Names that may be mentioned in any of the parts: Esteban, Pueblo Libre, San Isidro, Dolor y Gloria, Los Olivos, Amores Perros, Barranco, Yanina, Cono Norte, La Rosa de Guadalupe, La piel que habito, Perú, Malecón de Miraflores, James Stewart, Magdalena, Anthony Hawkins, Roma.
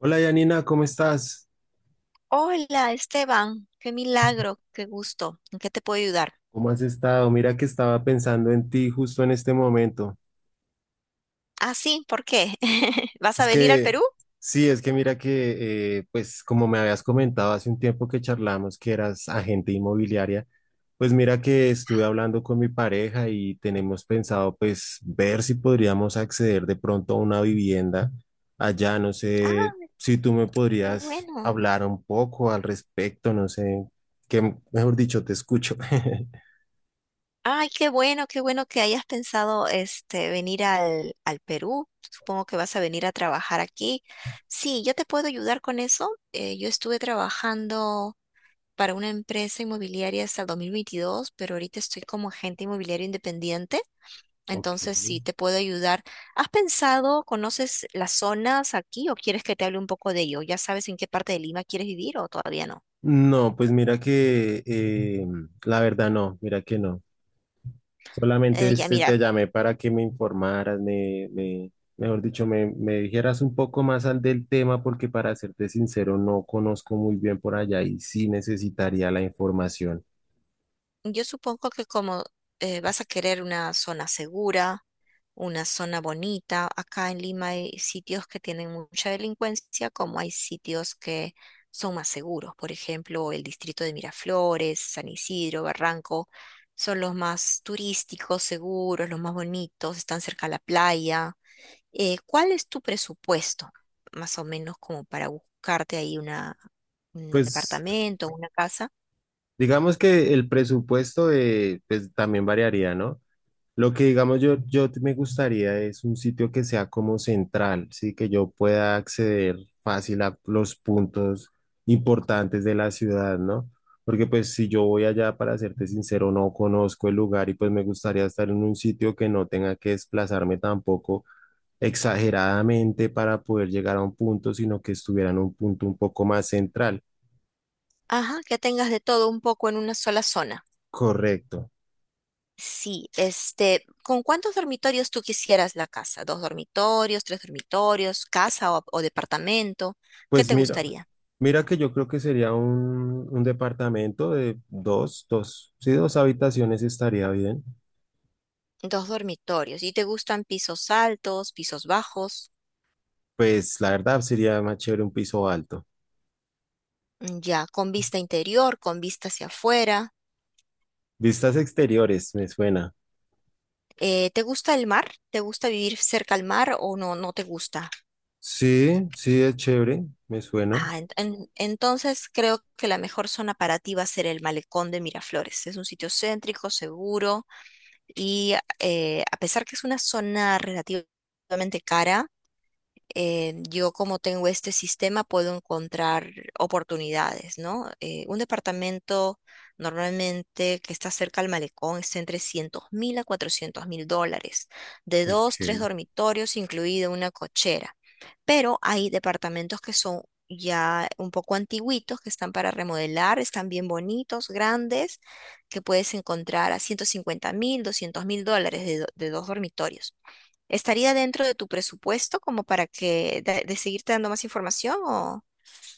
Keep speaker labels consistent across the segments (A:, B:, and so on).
A: Hola Yanina, ¿cómo estás?
B: Hola, Esteban, qué milagro, qué gusto. ¿En qué te puedo ayudar?
A: ¿Cómo has estado? Mira que estaba pensando en ti justo en este momento.
B: Ah, sí, ¿por qué? ¿Vas a
A: Es
B: venir al
A: que,
B: Perú?
A: sí, es que mira que, pues como me habías comentado hace un tiempo que charlamos que eras agente inmobiliaria, pues mira que estuve hablando con mi pareja y tenemos pensado pues ver si podríamos acceder de pronto a una vivienda allá. No sé
B: Ah,
A: si tú me
B: qué
A: podrías
B: bueno.
A: hablar un poco al respecto, no sé, que mejor dicho, te escucho.
B: Ay, qué bueno que hayas pensado este venir al Perú. Supongo que vas a venir a trabajar aquí. Sí, yo te puedo ayudar con eso. Yo estuve trabajando para una empresa inmobiliaria hasta el 2022, pero ahorita estoy como agente inmobiliario independiente.
A: Ok.
B: Entonces, sí, te puedo ayudar. ¿Has pensado, conoces las zonas aquí o quieres que te hable un poco de ello? ¿Ya sabes en qué parte de Lima quieres vivir o todavía no?
A: No, pues mira que la verdad no, mira que no. Solamente
B: Ya
A: este, te
B: mira,
A: llamé para que me informaras, mejor dicho, me dijeras un poco más al del tema, porque para serte sincero, no conozco muy bien por allá y sí necesitaría la información.
B: yo supongo que como vas a querer una zona segura, una zona bonita. Acá en Lima hay sitios que tienen mucha delincuencia, como hay sitios que son más seguros. Por ejemplo, el distrito de Miraflores, San Isidro, Barranco, son los más turísticos, seguros, los más bonitos, están cerca a la playa. ¿Cuál es tu presupuesto? Más o menos como para buscarte ahí un
A: Pues
B: departamento, una casa.
A: digamos que el presupuesto de, pues, también variaría, ¿no? Lo que digamos yo, me gustaría es un sitio que sea como central, sí, que yo pueda acceder fácil a los puntos importantes de la ciudad, ¿no? Porque pues si yo voy allá, para serte sincero, no conozco el lugar y pues me gustaría estar en un sitio que no tenga que desplazarme tampoco exageradamente para poder llegar a un punto, sino que estuviera en un punto un poco más central.
B: Ajá, que tengas de todo un poco en una sola zona.
A: Correcto.
B: Sí, este, ¿con cuántos dormitorios tú quisieras la casa? ¿Dos dormitorios, tres dormitorios, casa o departamento? ¿Qué
A: Pues
B: te
A: mira,
B: gustaría?
A: mira que yo creo que sería un departamento de dos, sí, dos habitaciones estaría bien.
B: Dos dormitorios. ¿Y te gustan pisos altos, pisos bajos?
A: Pues la verdad sería más chévere un piso alto.
B: Mm, ya, con vista interior, con vista hacia afuera.
A: Vistas exteriores, me suena.
B: ¿Te gusta el mar? ¿Te gusta vivir cerca al mar o no, no te gusta?
A: Sí, sí, es chévere, me suena.
B: Ah, entonces creo que la mejor zona para ti va a ser el Malecón de Miraflores. Es un sitio céntrico, seguro y a pesar que es una zona relativamente cara, yo como tengo este sistema puedo encontrar oportunidades, ¿no? Un departamento normalmente que está cerca al malecón está entre 300 mil a 400 mil dólares, de dos, tres
A: Ok.
B: dormitorios, incluida una cochera. Pero hay departamentos que son ya un poco antiguitos, que están para remodelar, están bien bonitos, grandes, que puedes encontrar a 150 mil, 200 mil dólares de dos dormitorios. ¿Estaría dentro de tu presupuesto como para que de seguirte dando más información o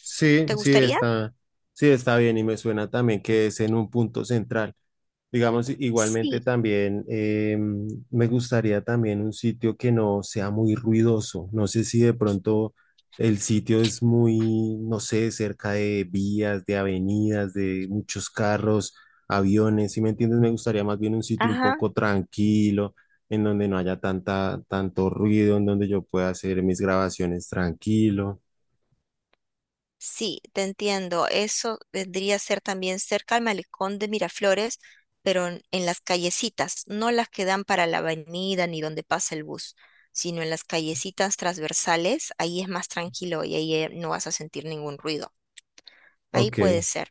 A: Sí,
B: te gustaría?
A: sí está bien y me suena también que es en un punto central. Digamos, igualmente
B: Sí,
A: también me gustaría también un sitio que no sea muy ruidoso. No sé si de pronto el sitio es muy, no sé, cerca de vías, de avenidas, de muchos carros, aviones, ¿si me entiendes? Me gustaría más bien un sitio un
B: ajá,
A: poco tranquilo, en donde no haya tanto ruido, en donde yo pueda hacer mis grabaciones tranquilo.
B: sí, te entiendo. Eso vendría a ser también cerca al malecón de Miraflores, pero en las callecitas, no las que dan para la avenida ni donde pasa el bus, sino en las callecitas transversales. Ahí es más tranquilo y ahí no vas a sentir ningún ruido. Ahí
A: Ok,
B: puede ser.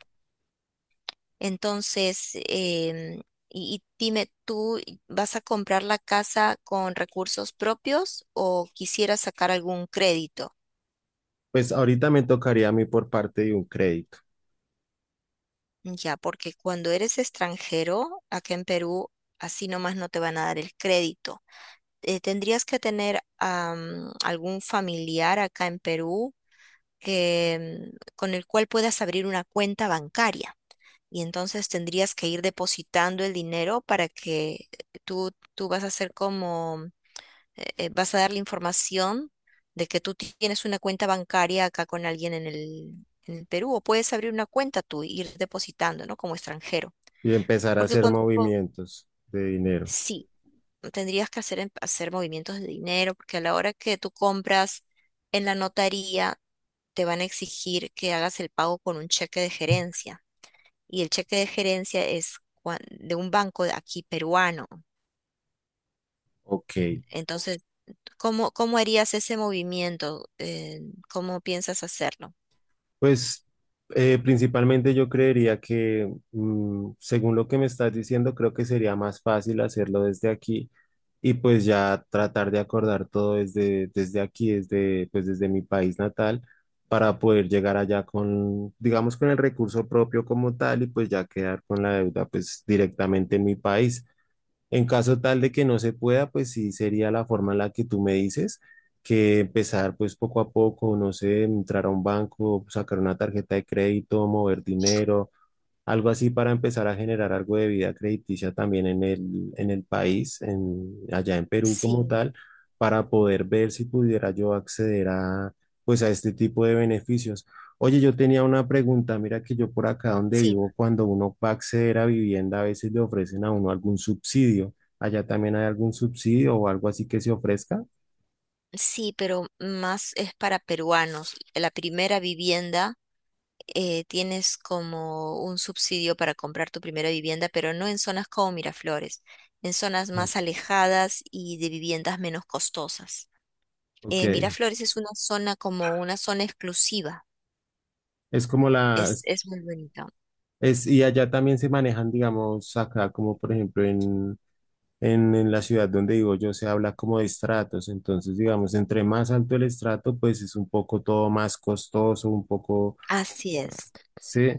B: Entonces, y dime, ¿tú vas a comprar la casa con recursos propios o quisieras sacar algún crédito?
A: pues ahorita me tocaría a mí por parte de un crédito
B: Ya, porque cuando eres extranjero, acá en Perú, así nomás no te van a dar el crédito. Tendrías que tener algún familiar acá en Perú que, con el cual puedas abrir una cuenta bancaria. Y entonces tendrías que ir depositando el dinero para que tú vas a ser como vas a dar la información de que tú tienes una cuenta bancaria acá con alguien en el Perú o puedes abrir una cuenta tú e ir depositando, ¿no? Como extranjero.
A: y empezar a
B: Porque
A: hacer
B: cuando
A: movimientos de dinero.
B: sí, tendrías que hacer movimientos de dinero, porque a la hora que tú compras en la notaría, te van a exigir que hagas el pago con un cheque de gerencia. Y el cheque de gerencia es de un banco de aquí peruano.
A: Ok,
B: Entonces, ¿Cómo harías ese movimiento? ¿Cómo piensas hacerlo?
A: pues principalmente yo creería que, mm, según lo que me estás diciendo, creo que sería más fácil hacerlo desde aquí y pues ya tratar de acordar todo desde aquí, desde, pues desde mi país natal, para poder llegar allá con, digamos, con el recurso propio como tal y pues ya quedar con la deuda pues directamente en mi país. En caso tal de que no se pueda, pues sí sería la forma en la que tú me dices, que empezar pues poco a poco, no sé, entrar a un banco, sacar una tarjeta de crédito, mover dinero, algo así para empezar a generar algo de vida crediticia también en en el país, en, allá en Perú como
B: Sí,
A: tal, para poder ver si pudiera yo acceder a, pues a este tipo de beneficios. Oye, yo tenía una pregunta, mira que yo por acá donde
B: sí,
A: vivo, cuando uno va a acceder a vivienda, a veces le ofrecen a uno algún subsidio. ¿Allá también hay algún subsidio o algo así que se ofrezca?
B: sí, pero más es para peruanos. La primera vivienda tienes como un subsidio para comprar tu primera vivienda, pero no en zonas como Miraflores, en zonas
A: Ok,
B: más alejadas y de viviendas menos costosas.
A: ok.
B: Miraflores es una zona como una zona exclusiva.
A: Es como la,
B: Es, es muy bonita.
A: es- y allá también se manejan, digamos, acá, como por ejemplo en la ciudad donde digo yo, se habla como de estratos, entonces, digamos, entre más alto el estrato, pues es un poco todo más costoso, un poco,
B: Así es.
A: sí.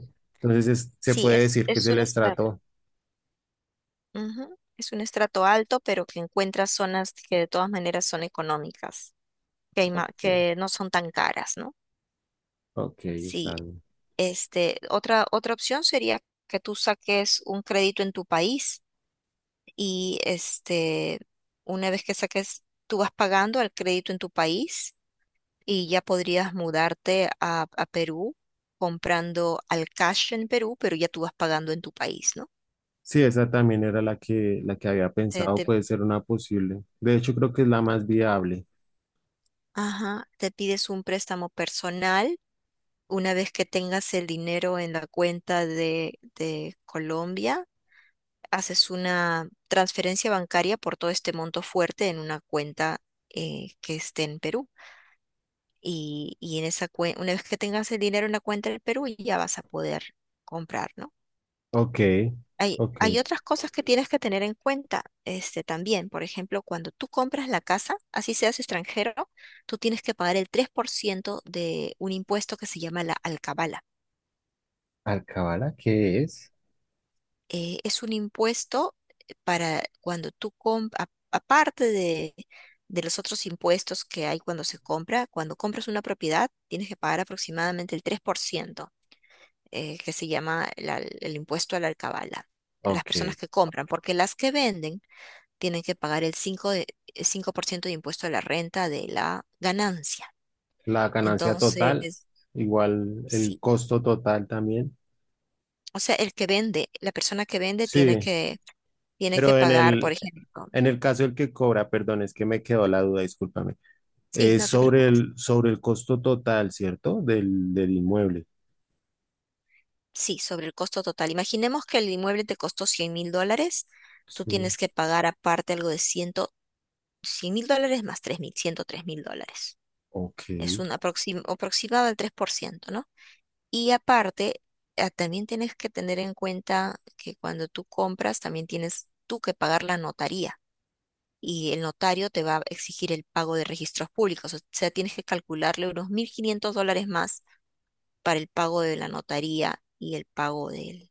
A: Entonces es- se
B: Sí,
A: puede
B: es,
A: decir que es
B: es
A: el
B: un estrato.
A: estrato.
B: Ujú. Es un estrato alto, pero que encuentra zonas que de todas maneras son económicas,
A: Ok,
B: que no son tan caras, ¿no?
A: ok,
B: Sí,
A: está bien.
B: este, otra opción sería que tú saques un crédito en tu país y este, una vez que saques, tú vas pagando el crédito en tu país y ya podrías mudarte a Perú comprando al cash en Perú, pero ya tú vas pagando en tu país, ¿no?
A: Sí, esa también era la que había
B: Te,
A: pensado,
B: te-
A: puede ser una posible. De hecho, creo que es la más viable.
B: ajá, te pides un préstamo personal. Una vez que tengas el dinero en la cuenta de Colombia, haces una transferencia bancaria por todo este monto fuerte en una cuenta que esté en Perú. Una vez que tengas el dinero en la cuenta del Perú, ya vas a poder comprar, ¿no?
A: Ok,
B: Hay,
A: ok.
B: hay otras cosas que tienes que tener en cuenta, este, también. Por ejemplo, cuando tú compras la casa, así seas extranjero, tú tienes que pagar el 3% de un impuesto que se llama la alcabala.
A: ¿Alcabala qué es?
B: Es un impuesto para cuando tú compras, aparte de los otros impuestos que hay cuando se compra, cuando compras una propiedad tienes que pagar aproximadamente el 3%, que se llama el impuesto a la alcabala, las personas
A: Ok.
B: que compran, porque las que venden tienen que pagar el 5% de impuesto a la renta de la ganancia.
A: La ganancia total,
B: Entonces,
A: igual el
B: sí.
A: costo total también.
B: O sea, el que vende, la persona que vende tiene
A: Sí,
B: que, tiene que
A: pero en
B: pagar, por ejemplo.
A: en el caso del que cobra, perdón, es que me quedó la duda, discúlpame.
B: Sí,
A: Es
B: no te
A: sobre
B: preocupes.
A: sobre el costo total, ¿cierto? Del inmueble.
B: Sí, sobre el costo total. Imaginemos que el inmueble te costó 100 mil dólares. Tú
A: Sí.
B: tienes que pagar aparte algo de 100, 100 mil dólares más 3 mil, 103 mil dólares.
A: Ok.
B: Es un aproximado del 3%, ¿no? Y aparte, también tienes que tener en cuenta que cuando tú compras, también tienes tú que pagar la notaría. Y el notario te va a exigir el pago de registros públicos. O sea, tienes que calcularle unos 1.500 dólares más para el pago de la notaría y el pago del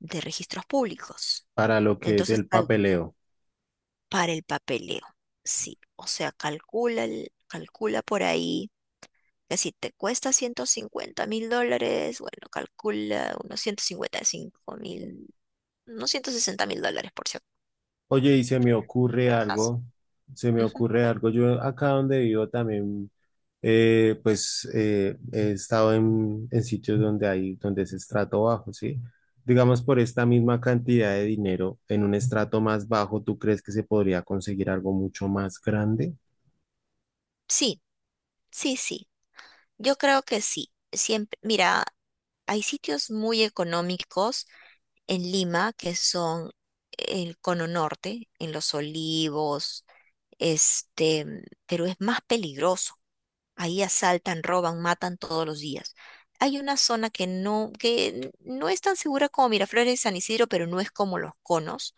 B: de registros públicos.
A: Para lo que es
B: Entonces,
A: el papeleo.
B: para el papeleo, sí. O sea, calcula por ahí que si te cuesta 150 mil dólares, bueno, calcula unos 155 mil, unos 160 mil dólares por si por
A: Oye, y se me ocurre
B: si acaso.
A: algo, se me
B: Ujú.
A: ocurre algo. Yo acá donde vivo también, pues, he estado en sitios donde hay, donde es estrato bajo, ¿sí? Digamos, por esta misma cantidad de dinero, en un estrato más bajo, ¿tú crees que se podría conseguir algo mucho más grande?
B: Sí, sí, sí. Yo creo que sí. Siempre, mira, hay sitios muy económicos en Lima que son el Cono Norte, en Los Olivos, este, pero es más peligroso. Ahí asaltan, roban, matan todos los días. Hay una zona que no, es tan segura como Miraflores y San Isidro, pero no es como los conos,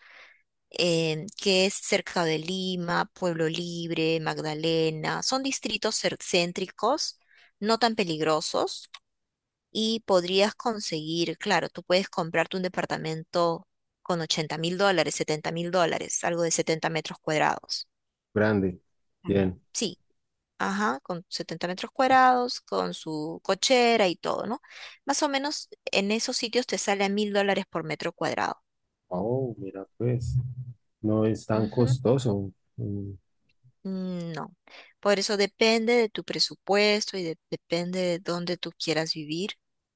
B: que es cerca de Lima, Pueblo Libre, Magdalena. Son distritos céntricos, no tan peligrosos, y podrías conseguir, claro, tú puedes comprarte un departamento con 80 mil dólares, 70 mil dólares, algo de 70 metros cuadrados.
A: Grande.
B: Mm.
A: Bien.
B: Sí, ajá, con 70 metros cuadrados, con su cochera y todo, ¿no? Más o menos en esos sitios te sale a 1.000 dólares por metro cuadrado.
A: Oh, mira, pues, no es tan
B: Ujú,
A: costoso. Mm,
B: no. Por eso depende de tu presupuesto y depende de dónde tú quieras vivir.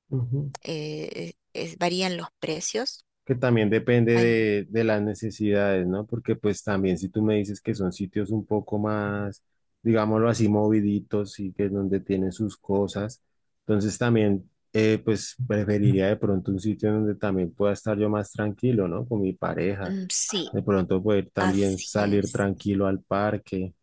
A: ujú.
B: Varían los precios.
A: Que también depende
B: Ay,
A: de las necesidades, ¿no? Porque pues también si tú me dices que son sitios un poco más, digámoslo así, moviditos y que es donde tienen sus cosas, entonces también pues preferiría de pronto un sitio donde también pueda estar yo más tranquilo, ¿no? Con mi pareja,
B: mm, sí,
A: de pronto poder también
B: así
A: salir
B: es.
A: tranquilo al parque,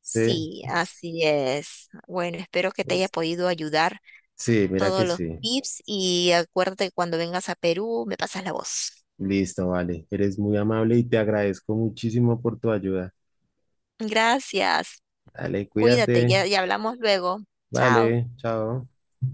A: ¿sí?
B: Sí, así es. Bueno, espero que te haya
A: Listo.
B: podido ayudar
A: Sí, mira que
B: todos los
A: sí.
B: tips y acuérdate que cuando vengas a Perú me pasas la voz.
A: Listo, vale. Eres muy amable y te agradezco muchísimo por tu ayuda.
B: Gracias.
A: Dale,
B: Cuídate,
A: cuídate.
B: ya, ya hablamos luego. Chao.
A: Vale, chao.